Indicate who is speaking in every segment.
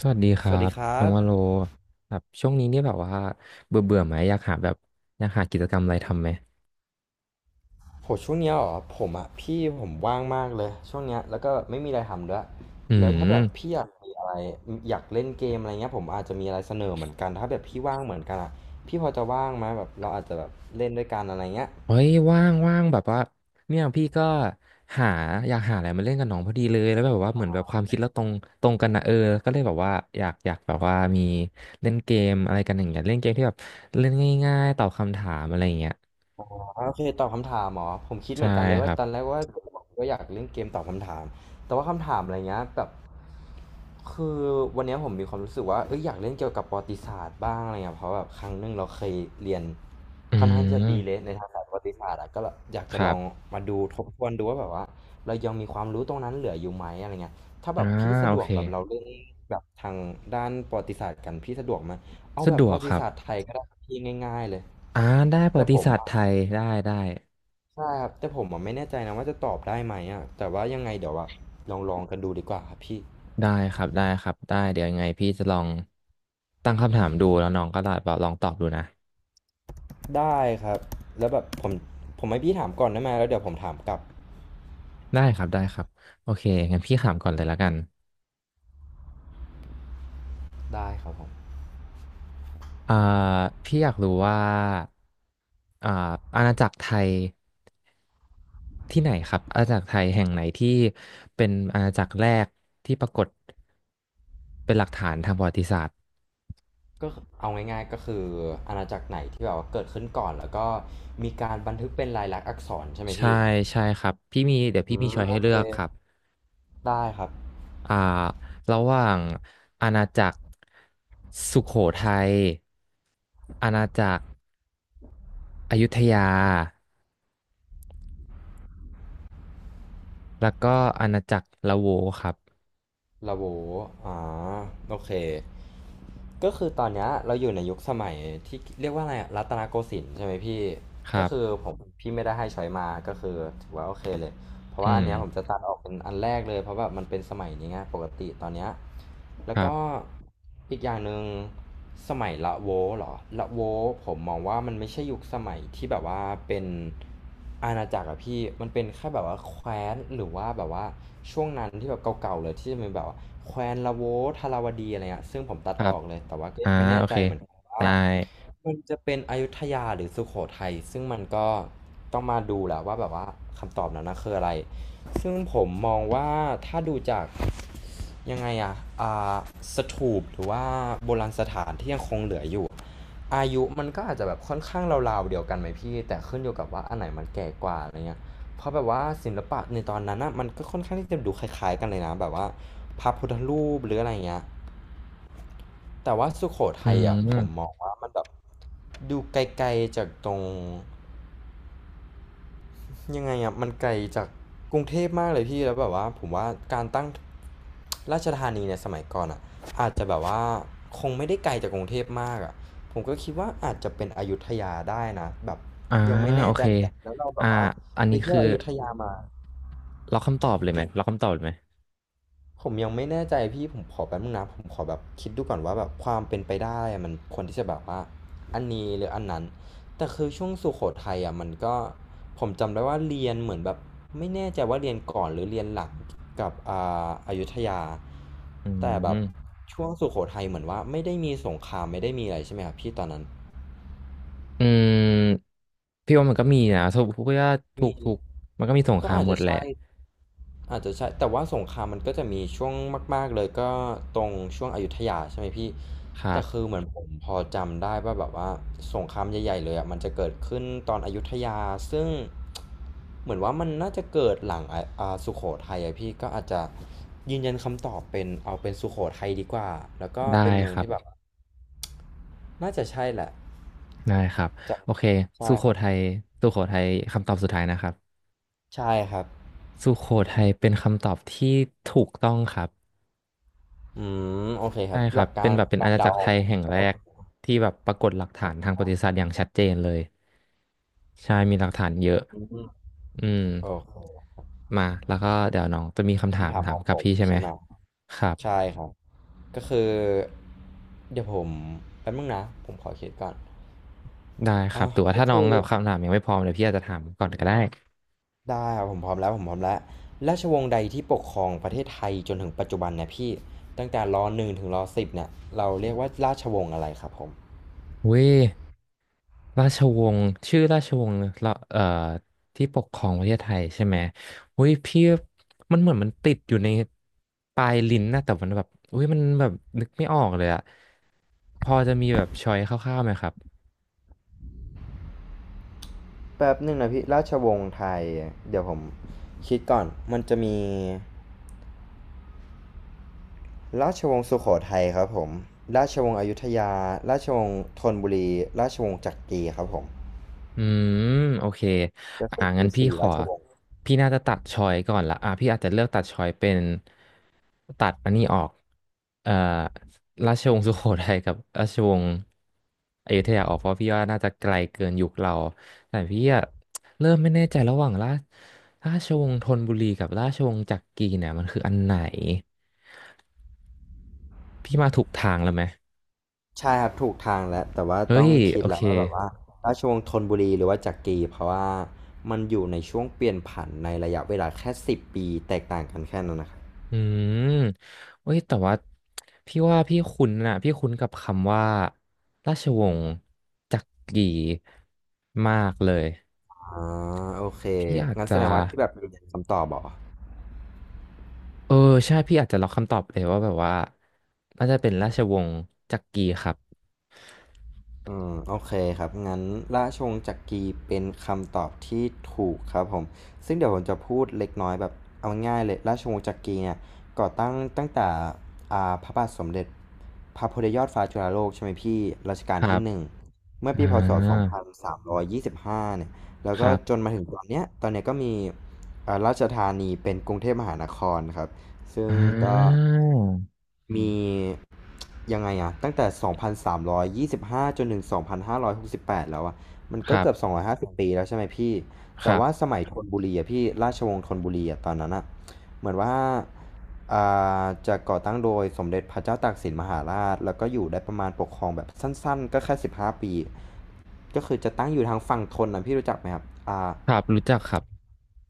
Speaker 1: สวัสดีค
Speaker 2: ส
Speaker 1: รั
Speaker 2: วัสดี
Speaker 1: บ
Speaker 2: ครั
Speaker 1: น้อง
Speaker 2: บ
Speaker 1: วาโลแบบช่วงนี้เนี่ยแบบว่าเบื่อเบื่อไหมอยากหาแบบอยากหากิจกรรมอะไรทำไหม
Speaker 2: โหช่วงเนี้ยเหรอผมอ่ะพี่ผมว่างมากเลยช่วงเนี้ยแล้วก็ไม่มีอะไรทำด้วย
Speaker 1: อื
Speaker 2: แล้วถ้าแบบ
Speaker 1: ม
Speaker 2: พี่อยากมีอะไรอยากเล่นเกมอะไรเงี้ยผมอาจจะมีอะไรเสนอเหมือนกันถ้าแบบพี่ว่างเหมือนกันอ่ะพี่พอจะว่างไหมแบบเราอาจจะแบบเล่นด้วยกันอะไรเงี้ย
Speaker 1: เฮ้ยว่างแบบว่าเนี่ยพี่ก็หาอยากหาอะไรมาเล่นกับน้องพอดีเลยแล้วแบบว่าเหมือนแบบความคิดเราตรงกันนะเออก็เลยแบบว่าอยากแบบว่ามีเล่นเกมอะไรกันอย่างเงี้ยเล่นเกมที่แบบเล่นง่ายๆตอบคำถามอะไรอย่างเงี้ย
Speaker 2: โอเคตอบคำถามเหรอผมคิดเห
Speaker 1: ใช่
Speaker 2: มือนกันเลย
Speaker 1: ค
Speaker 2: ว่า
Speaker 1: รับ
Speaker 2: ตอนแรกว่าก็อยากเล่นเกมตอบคำถามแต่ว่าคำถามอะไรเงี้ยแบบคือวันเนี้ยผมมีความรู้สึกว่าเอยอยากเล่นเกี่ยวกับประวัติศาสตร์บ้างอะไรเงี้ยเพราะแบบครั้งหนึ่งเราเคยเรียน
Speaker 1: อื
Speaker 2: ค่อนข้างที่จะดีเลย
Speaker 1: ม
Speaker 2: ในทางสายประวัติศาสตร์อะก็แบบอยาก
Speaker 1: ค
Speaker 2: จะล
Speaker 1: รั
Speaker 2: อง
Speaker 1: บ
Speaker 2: มาดูทบทวนดูว่าแบบว่าเรายังมีความรู้ตรงนั้นเหลืออยู่ไหมอะไรเงี้ยถ้าแบ
Speaker 1: อ่า
Speaker 2: บพี่สะ
Speaker 1: โอ
Speaker 2: ดว
Speaker 1: เค
Speaker 2: กแบบเราเล่นแบบทางด้านประวัติศาสตร์กันพี่สะดวกไหมเอา
Speaker 1: สะ
Speaker 2: แบ
Speaker 1: ด
Speaker 2: บป
Speaker 1: ว
Speaker 2: ระ
Speaker 1: ก
Speaker 2: วั
Speaker 1: ค
Speaker 2: ติ
Speaker 1: รับ
Speaker 2: ศาสตร์ไทยก็ได้ครับพี่ง่ายๆเลย
Speaker 1: อ่าได้ประ
Speaker 2: แต่
Speaker 1: วั
Speaker 2: ผ
Speaker 1: ติ
Speaker 2: ม
Speaker 1: ศาสตร์ไทยได้
Speaker 2: ใช่ครับแต่ผมอะไม่แน่ใจนะว่าจะตอบได้ไหมอ่ะแต่ว่ายังไงเดี๋ยวอะลองกันดูดีกว่าครับพี่
Speaker 1: ได้ครับได้ครับได้เดี๋ยวยังไงพี่จะลองตั้งคำถามดูแล้วน้องก็ลองตอบดูนะ
Speaker 2: ได้ครับแล้วแบบผมให้พี่ถามก่อนได้ไหมแล้วเดี๋ยวผมถามกลับ
Speaker 1: ได้ครับได้ครับโอเคงั้นพี่ถามก่อนเลยละกัน
Speaker 2: ได้ครับผม
Speaker 1: อ่าพี่อยากรู้ว่าอ่าอาณาจักรไทยที่ไหนครับอาณาจักรไทยแห่งไหนที่เป็นอาณาจักรแรกที่ปรากฏเป็นหลักฐานทางประวัติศาสตร์
Speaker 2: ก็เอาง่ายๆก็คืออาณาจักรไหนที่แบบว่าเกิดขึ้นก่อนแล้วก็มีการบันทึกเป็นลายลักษณ์อักษรใช่ไหม
Speaker 1: ใช่
Speaker 2: พี่
Speaker 1: ใช่ครับพี่มีเดี๋ยว
Speaker 2: อื
Speaker 1: พี่มี
Speaker 2: ม
Speaker 1: ช้อย
Speaker 2: โอ
Speaker 1: ให้เลื
Speaker 2: เค
Speaker 1: อกครับ
Speaker 2: ได้ครับ
Speaker 1: อ่าระหว่างอาณาจักรสุโขทัยอาณาจักรอยุธยาแล้วก็อาณาจักรละโวครับ
Speaker 2: ลาโวอ๋อ โอเค ก็คือตอนเนี้ยเราอยู่ในยุคสมัยที่เรียกว่าอะไรอะรัตนโกสินทร์ใช่ไหมพี่
Speaker 1: ค
Speaker 2: ก็
Speaker 1: รั
Speaker 2: คือ
Speaker 1: บ
Speaker 2: ผมพี่ไม่ได้ให้ช้อยมาก็คือถือว่าโอเคเลย เพราะ
Speaker 1: อื
Speaker 2: ว่าอั
Speaker 1: ม
Speaker 2: นเนี้ยผมจะตัดออกเป็นอันแรกเลยเพราะแบบมันเป็นสมัยนี้ไงปกติตอนเนี้ย
Speaker 1: ค
Speaker 2: แล้ว
Speaker 1: รั
Speaker 2: ก็
Speaker 1: บ
Speaker 2: อีกอย่างหนึ่งสมัยละโวเหรอละโวผมมองว่ามันไม่ใช่ยุคสมัยที่แบบว่าเป็นอาณาจักรอะพี่มันเป็นแค่แบบว่าแคว้นหรือว่าแบบว่าช่วงนั้นที่แบบเก่าๆเลยที่จะเป็นแบบว่าแคว้นละโวทาราวดีอะไรเงี้ยซึ่งผมตัด
Speaker 1: ค
Speaker 2: อ
Speaker 1: รับ
Speaker 2: อกเลยแต่ว่าก็
Speaker 1: อ่า
Speaker 2: ยังไม่แน่
Speaker 1: โอ
Speaker 2: ใจ
Speaker 1: เค
Speaker 2: เหมือนกันว่า
Speaker 1: ได้
Speaker 2: มันจะเป็นอยุธยาหรือสุโขทัยซึ่งมันก็ต้องมาดูแหละว่าแบบว่าคำตอบนั้นนะคืออะไรซึ่งผมมองว่าถ้าดูจากยังไงอะอ่าสถูปหรือว่าโบราณสถานที่ยังคงเหลืออยู่อายุมันก็อาจจะแบบค่อนข้างราวๆเดียวกันไหมพี่แต่ขึ้นอยู่กับว่าอันไหนมันแก่กว่าอะไรเงี้ยเพราะแบบว่าศิลปะในตอนนั้นนะมันก็ค่อนข้างที่จะดูคล้ายๆกันเลยนะแบบว่าพระพุทธรูปหรืออะไรเงี้ยแต่ว่าสุโข
Speaker 1: อื
Speaker 2: ทัยอ่ะผมม
Speaker 1: ม
Speaker 2: องว่ามันแบบ ดูไกลๆจากตรงยังไงอะมันไกลจากกรุงเทพมากเลยพี่แล้วแบบว่าผมว่าการตั้งราชธานีเนี่ยสมัยก่อนอ่ะอาจจะแบบว่าคงไม่ได้ไกลจากกรุงเทพมากอะผมก็คิดว่าอาจจะเป็นอยุธยาได้นะแบบ
Speaker 1: อ่า
Speaker 2: ยังไม่
Speaker 1: โอ
Speaker 2: แน่ใจ
Speaker 1: เค
Speaker 2: เหมือนกันแล้วเราแบ
Speaker 1: อ่า
Speaker 2: บว่า
Speaker 1: อัน
Speaker 2: ไป
Speaker 1: นี้
Speaker 2: เที่ย
Speaker 1: คื
Speaker 2: ว
Speaker 1: อ
Speaker 2: อยุธยามา
Speaker 1: ล็อกคำตอบเลยไหมล็อกคำตอบเลยไหม
Speaker 2: ผมยังไม่แน่ใจพี่ผมขอแป๊บนึงนะผมขอแบบคิดดูก่อนว่าแบบความเป็นไปได้อะมันควรที่จะแบบว่าอันนี้หรืออันนั้นแต่คือช่วงสุโขทัยอ่ะมันก็ผมจำได้ว่าเรียนเหมือนแบบไม่แน่ใจว่าเรียนก่อนหรือเรียนหลังกับอยุธยา
Speaker 1: อื
Speaker 2: แต่แบบ
Speaker 1: ม
Speaker 2: ช่วงสุโขทัยเหมือนว่าไม่ได้มีสงครามไม่ได้มีอะไรใช่ไหมครับพี่ตอนนั้น
Speaker 1: อืมพี่ว่ามันก็มีนะทุกว่าทุ
Speaker 2: มี
Speaker 1: กทุกมันก็มีสงค
Speaker 2: ก็
Speaker 1: ราม
Speaker 2: อาจ
Speaker 1: หม
Speaker 2: จะ
Speaker 1: ดแหละ
Speaker 2: ใช่ อาจจะใช่แต่ว่าสงครามมันก็จะมีช่วงมากๆเลยก็ตรงช่วงอยุธยาใช่ไหมพี่
Speaker 1: ครั
Speaker 2: แต่คือ
Speaker 1: บ
Speaker 2: เหมือนผมพอจำได้ว่าแบบว่าสงครามใหญ่ๆเลยอะมันจะเกิดขึ้นตอนอยุธยาซึ่งเหมือนว่ามันน่าจะเกิดหลังอะสุโขทัยอะพี่ก็อาจจะยืนยันคำตอบเป็นเอาเป็นสุโขทัยดีกว่าแล้วก็
Speaker 1: ได้
Speaker 2: เป็นเมื
Speaker 1: ค
Speaker 2: อง
Speaker 1: รั
Speaker 2: ที่แบบ
Speaker 1: บ
Speaker 2: น่าจะใช่แหละ
Speaker 1: ได้ครับ
Speaker 2: จ
Speaker 1: โอเค
Speaker 2: ำใช่
Speaker 1: สุโข
Speaker 2: ครั
Speaker 1: ทั
Speaker 2: บ
Speaker 1: ยสุโขทัยคำตอบสุดท้ายนะครับ
Speaker 2: ใช่ครับ
Speaker 1: สุโขทัยเป็นคำตอบที่ถูกต้องครับ
Speaker 2: อืมโอเคค
Speaker 1: ใช่
Speaker 2: รับ
Speaker 1: ค
Speaker 2: ห
Speaker 1: รั
Speaker 2: ลั
Speaker 1: บ
Speaker 2: กกา
Speaker 1: เป็น
Speaker 2: ร
Speaker 1: แบบเป็น
Speaker 2: กา
Speaker 1: อา
Speaker 2: ร
Speaker 1: ณา
Speaker 2: เดา
Speaker 1: จักร
Speaker 2: อ
Speaker 1: ไท
Speaker 2: อ
Speaker 1: ยแห่ง
Speaker 2: ก็
Speaker 1: แร
Speaker 2: โอ
Speaker 1: ก
Speaker 2: เค
Speaker 1: ที่แบบปรากฏหลักฐานทางประ
Speaker 2: อ
Speaker 1: วัติศาสตร์อย่างชัดเจนเลยใช่มีหลักฐานเยอะ
Speaker 2: ออืม
Speaker 1: อืม
Speaker 2: โอ
Speaker 1: มาแล้วก็เดี๋ยวน้องจะมีคำถาม
Speaker 2: คำถาม
Speaker 1: ถา
Speaker 2: ข
Speaker 1: ม
Speaker 2: อง
Speaker 1: กั
Speaker 2: ผ
Speaker 1: บ
Speaker 2: ม
Speaker 1: พี่ใช่ไหม
Speaker 2: ใช่ไหม
Speaker 1: ครับ
Speaker 2: ใช่ครับก็คือเดี๋ยวผมแป๊บนึงนะผมขอคิดก่อน
Speaker 1: ได้ค
Speaker 2: อ่ะ
Speaker 1: รับแต่ว่า
Speaker 2: ก็
Speaker 1: ถ้าน้อ
Speaker 2: คื
Speaker 1: ง
Speaker 2: อ
Speaker 1: แบบคำถามยังไม่พร้อมเดี๋ยวพี่อาจจะถามก่อนก็ได้
Speaker 2: ได้ครับผมพร้อมแล้วผมพร้อมแล้วราชวงศ์ใดที่ปกครองประเทศไทยจนถึงปัจจุบันเนี่ยพี่ตั้งแต่รหนึ่งถึงรสิบเนี่ยเราเรียกว่าราชวงศ์อะไรครับผม
Speaker 1: เว้ย ราชวงศ์ชื่อราชวงศ์ละที่ปกครองประเทศไทยใช่ไหมอุ้ยพี่มันเหมือนมันติดอยู่ในปลายลิ้นนะแต่มันแบบอุ้ยมันแบบนึกไม่ออกเลยอะพอจะมีแบบชอยคร่าวๆไหมครับ
Speaker 2: แป๊บหนึ่งนะพี่ราชวงศ์ไทยเดี๋ยวผมคิดก่อนมันจะมีราชวงศ์สุโขทัยครับผมราชวงศ์อยุธยาราชวงศ์ธนบุรีราชวงศ์จักรีครับผม
Speaker 1: อืมโอเค
Speaker 2: ก็คือมี
Speaker 1: งั้นพี่
Speaker 2: สี่
Speaker 1: ขอ
Speaker 2: ราชวงศ์
Speaker 1: พี่น่าจะตัดชอยก่อนละพี่อาจจะเลือกตัดชอยเป็นตัดอันนี้ออกเอ่อราชวงศ์สุโขทัยกับราชวงศ์อยุธยาออกเพราะพี่ว่าน่าจะไกลเกินยุคเราแต่พี่อะเริ่มไม่แน่ใจระหว่างราชวงศ์ธนบุรีกับราชวงศ์จักรีเนี่ยมันคืออันไหนพี่มาถูกทางแล้วไหม
Speaker 2: ใช่ครับถูกทางแล้วแต่ว่า
Speaker 1: เฮ้
Speaker 2: ต้อ
Speaker 1: ย
Speaker 2: งคิ
Speaker 1: โอ
Speaker 2: ดแล้
Speaker 1: เค
Speaker 2: วว่าแบบว่าราชวงศ์ธนบุรีหรือว่าจักรีเพราะว่ามันอยู่ในช่วงเปลี่ยนผันในระยะเวลาแค่สิบปีแตกต่างกันแค่นั้นนะครับ
Speaker 1: อืมเว้ยแต่ว่าพี่ว่าพี่คุ้นน่ะพี่คุ้นกับคำว่าราชวงศ์จักรีมากเลย
Speaker 2: อ่าโอเค
Speaker 1: พี่อาจ
Speaker 2: งั้นแส
Speaker 1: จะ
Speaker 2: ดงว่าที่แบบมีคำตอบเหรอ
Speaker 1: เออใช่พี่อาจจะล็อกคำตอบเลยว่าแบบว่าน่าจะเป็นราชวงศ์จักรีครับ
Speaker 2: อืมโอเคครับงั้นราชวงศ์จักรีเป็นคำตอบที่ถูกครับผมซึ่งเดี๋ยวผมจะพูดเล็กน้อยแบบเอาง่ายๆเลยราชวงศ์จักรีเนี่ยก่อตั้งตั้งแต่พระบาทสมเด็จพระพุทธยอดฟ้าจุฬาโลกใช่ไหมพี่รัชกา
Speaker 1: ค
Speaker 2: ล
Speaker 1: รั
Speaker 2: ที่
Speaker 1: บ
Speaker 2: หนึ่งเมื่อ
Speaker 1: อ่
Speaker 2: ปีพศ
Speaker 1: า
Speaker 2: 2325เนี่ยแล้ว
Speaker 1: ค
Speaker 2: ก็
Speaker 1: รั
Speaker 2: จ
Speaker 1: บ
Speaker 2: นมาถึงตอนเนี้ยตอนเนี้ยก็มีราชธานีเป็นกรุงเทพมหานครครับ ซึ่ง
Speaker 1: อ่
Speaker 2: ก็
Speaker 1: า
Speaker 2: มียังไงอะตั้งแต่2,325จนถึง2,568แปดแล้วอะมัน
Speaker 1: ค
Speaker 2: ก็
Speaker 1: รั
Speaker 2: เกือบ
Speaker 1: บ
Speaker 2: 250ปีแล้วใช่ไหมพี่
Speaker 1: ค
Speaker 2: แต่
Speaker 1: รั
Speaker 2: ว่าส
Speaker 1: บ
Speaker 2: มัยธนบุรีอะพี่ราชวงศ์ธนบุรีอะตอนนั้นอะเหมือนว่าอ่จะก่อตั้งโดยสมเด็จพระเจ้าตากสินมหาราชแล้วก็อยู่ได้ประมาณปกครองแบบสั้นๆก็แค่15ปีก็คือจะตั้งอยู่ทางฝั่งธนนะพี่รู้จักไหมครับอ่า
Speaker 1: ครับรู้จักครับ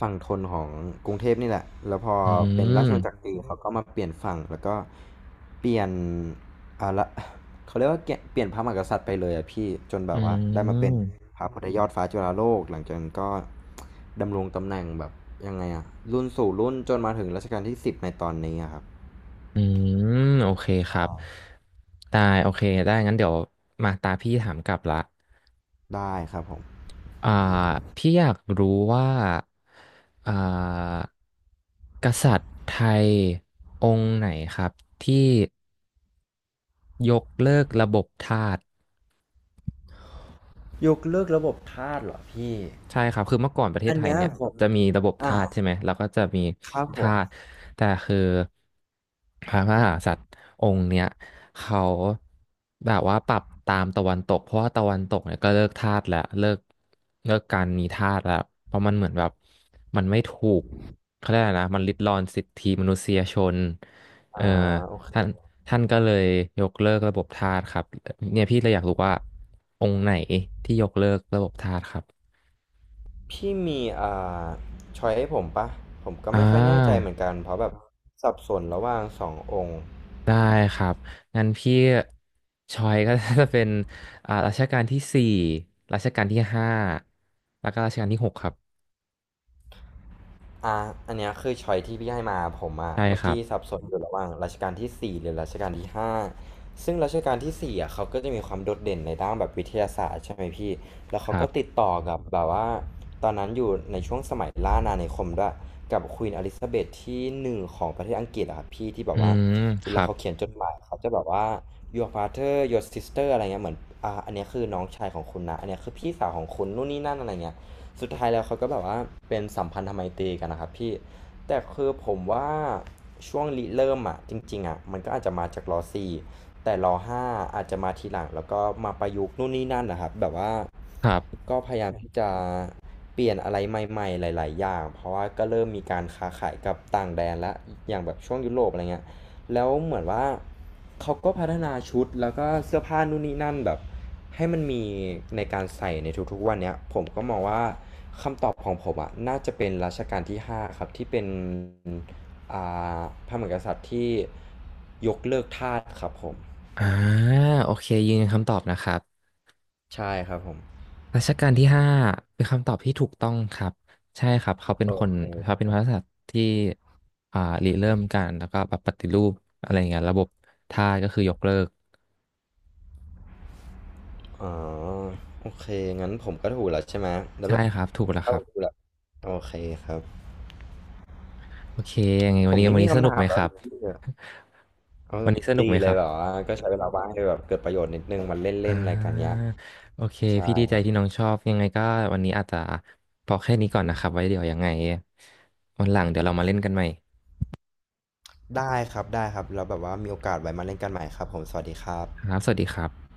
Speaker 2: ฝั่งทนของกรุงเทพนี่แหละ แล้วพอ
Speaker 1: อื
Speaker 2: เป็นราช
Speaker 1: ม
Speaker 2: วงศ์จักรีเขาก็มาเปลี่ยนฝั่งแล้วก็เปลี่ยนอ่าละ เขาเรียกว่าเกเปลี่ยนพระมหากษัตริย์ไปเลยอะพี่จนแบ
Speaker 1: อื
Speaker 2: บว่าได้มาเป็น
Speaker 1: ม
Speaker 2: พระพุทธยอดฟ้าจุฬาโลกหลังจากนั้นก็ดำรงตำแหน่งแบบยังไงอะรุ่นสู่รุ่นจนมาถึงรัชกาลที่สิบในตอนนี้อะครับ
Speaker 1: อืมโอเคครับได้โอเคได้งั้นเดี๋ยวมาตาพี่ถามกลับละ
Speaker 2: ได้ครับผม
Speaker 1: อ่าพี่อยากรู้ว่าอ่ากษัตริย์ไทยองค์ไหนครับที่ยกเลิกระบบทาส
Speaker 2: ยกเลิกระบบทาสเหรอพี่
Speaker 1: ใช่ครับคือเมื่อก่อนประเทศ
Speaker 2: อัน
Speaker 1: ไทย
Speaker 2: เนี้ย
Speaker 1: เนี่ย
Speaker 2: ผม
Speaker 1: จะมีระบบ
Speaker 2: อ่า
Speaker 1: ทาสใช่ไหม แล้วก็จะมี
Speaker 2: ครับผ
Speaker 1: ทา
Speaker 2: ม
Speaker 1: สแต่คือพระมหากษัตริย์องค์เนี้ยเขาแบบว่าปรับตามตะวันตกเพราะว่าตะวันตกเนี่ยก็เลิกทาสแล้วเลิกการมีทาสแล้วเพราะมันเหมือนแบบมันไม่ถูกเขาเรียกอะไรนะมันริดรอนสิทธิมนุษยชน
Speaker 2: อ่า
Speaker 1: เอ่อ
Speaker 2: โอเค
Speaker 1: ท่านท่านก็เลยยกเลิกระบบทาสครับเนี่ยพี่เลยอยากรู้ว่าองค์ไหนที่ยกเลิกระบบทาสครับ
Speaker 2: พี่มีาช้อยให้ผมปะผมก็
Speaker 1: อ่
Speaker 2: ไม่ค่อยแน่ใจ
Speaker 1: า
Speaker 2: เหมือนกันเพราะแบบสับสนระหว่างสององค์
Speaker 1: ได้ครับงั้นพี่ชอยก็ จะเป็นรัชกาลที่ 4รัชกาลที่ห้าแล้วก็รัชกาลที่ 6ครับ
Speaker 2: อ่าอันเนี้ยคือช้อยที่พี่ให้มาผมอะ
Speaker 1: ใช่
Speaker 2: เมื่
Speaker 1: ค
Speaker 2: อ
Speaker 1: รั
Speaker 2: กี้
Speaker 1: บ
Speaker 2: สับสนอยู่ระหว่างรัชกาลที่สี่หรือรัชกาลที่ห้าซึ่งรัชกาลที่สี่อะเขาก็จะมีความโดดเด่นในด้านแบบวิทยาศาสตร์ใช่ไหมพี่ แล้ว
Speaker 1: ค
Speaker 2: เขา
Speaker 1: รั
Speaker 2: ก็ติด
Speaker 1: บ
Speaker 2: ต่อกับแบบว่าตอนนั้นอยู่ในช่วงสมัยล่าอาณานิคมด้วย กับควีนอลิซาเบธที่หนึ่งของประเทศอังกฤษอะครับพี่ที่แบ
Speaker 1: อื
Speaker 2: บว่า
Speaker 1: ม
Speaker 2: เว
Speaker 1: ค
Speaker 2: ลา
Speaker 1: รับ
Speaker 2: เขาเขียนจดหมายเขาจะแบบว่า your father your sister อะไรเงี้ยเหมือนอันเนี้ยคือน้องชายของคุณนะอันเนี้ยคือพี่สาวของคุณนู่นนี่นั่นอะไรเงี้ย สุดท้ายแล้วเขาก็แบบว่าเป็นสัมพันธไมตรีกันนะครับพี่แต่คือผมว่าช่วงริเริ่มอ่ะจริงๆอ่ะมันก็อาจจะมาจากรสี่แต่รห้าอาจจะมาทีหลังแล้วก็มาประยุกต์นู่นนี่นั่นนะครับแบบว่า
Speaker 1: ครับ
Speaker 2: ก็พยายามที่จะเปลี่ยนอะไรใหม่ๆหลายๆอย่างเพราะว่าก็เริ่มมีการค้าขายกับต่างแดนและอย่างแบบช่วงยุโรปอะไรเงี้ยแล้วเหมือนว่าเขาก็พัฒนาชุดแล้วก็เสื้อผ้านู่นนี่นั่นแบบให้มันมีในการใส่ในทุกๆวันเนี้ยผมก็มองว่า ของผมอะน่าจะเป็นรัชกาลที่5ครับที่เป็นอ่พระมหากษัตริย์ที่ยกเลิกทาสครับผม
Speaker 1: อ่าโอเคยืนยันคำตอบนะครับ
Speaker 2: ใช่ครับผม
Speaker 1: รัชกาลที่ห้าเป็นคำตอบที่ถูกต้องครับใช่ครับเขาเป็น
Speaker 2: โอ
Speaker 1: คน
Speaker 2: เ
Speaker 1: เขาเป็น
Speaker 2: ค
Speaker 1: พระกษัตริย์ที่อ่าริเริ่มการแล้วก็แบบปฏิรูปอะไรอย่างเงี้ยระบบทาสก็คือยกเลิก
Speaker 2: อ๋อโอเคงั้นผมก็ถูกแล้วใช่ไหมแล้ว
Speaker 1: ใช่
Speaker 2: แบบ
Speaker 1: ครับถูกแล้ว
Speaker 2: ถ้า
Speaker 1: ค
Speaker 2: ผ
Speaker 1: รั
Speaker 2: มถูก
Speaker 1: บ
Speaker 2: แล้วโอเคครับ
Speaker 1: โอเคยังไง
Speaker 2: ผ
Speaker 1: วัน
Speaker 2: ม
Speaker 1: นี้
Speaker 2: ไม่
Speaker 1: วัน
Speaker 2: มี
Speaker 1: นี้ส
Speaker 2: คำ
Speaker 1: นุก
Speaker 2: ถา
Speaker 1: ไห
Speaker 2: ม
Speaker 1: มค
Speaker 2: แล้ว
Speaker 1: รั
Speaker 2: ดิ
Speaker 1: บ
Speaker 2: พี่เน เอา
Speaker 1: วันนี้สนุก
Speaker 2: ดี
Speaker 1: ไหม
Speaker 2: เล
Speaker 1: ค
Speaker 2: ย
Speaker 1: รับ
Speaker 2: แบบว่าก็ใช้เวลาว่างให้แบบเกิดประโยชน์นิดนึงมาเ
Speaker 1: อ่
Speaker 2: ล่นๆอะไรกันเนี้ย
Speaker 1: าโอเค
Speaker 2: ใช่
Speaker 1: พี่ดี
Speaker 2: ค
Speaker 1: ใจ
Speaker 2: รับ
Speaker 1: ที่น้องชอบยังไงก็วันนี้อาจจะพอแค่นี้ก่อนนะครับไว้เดี๋ยวยังไงวันหลังเดี๋ยวเรามาเล่นกันใหม่
Speaker 2: ได้ครับได้ครับแล้วแบบว่ามีโอกาสไว้มาเล่นกันใหม่ครับผมสวัสดีครับ
Speaker 1: ครับสวัสดีครับ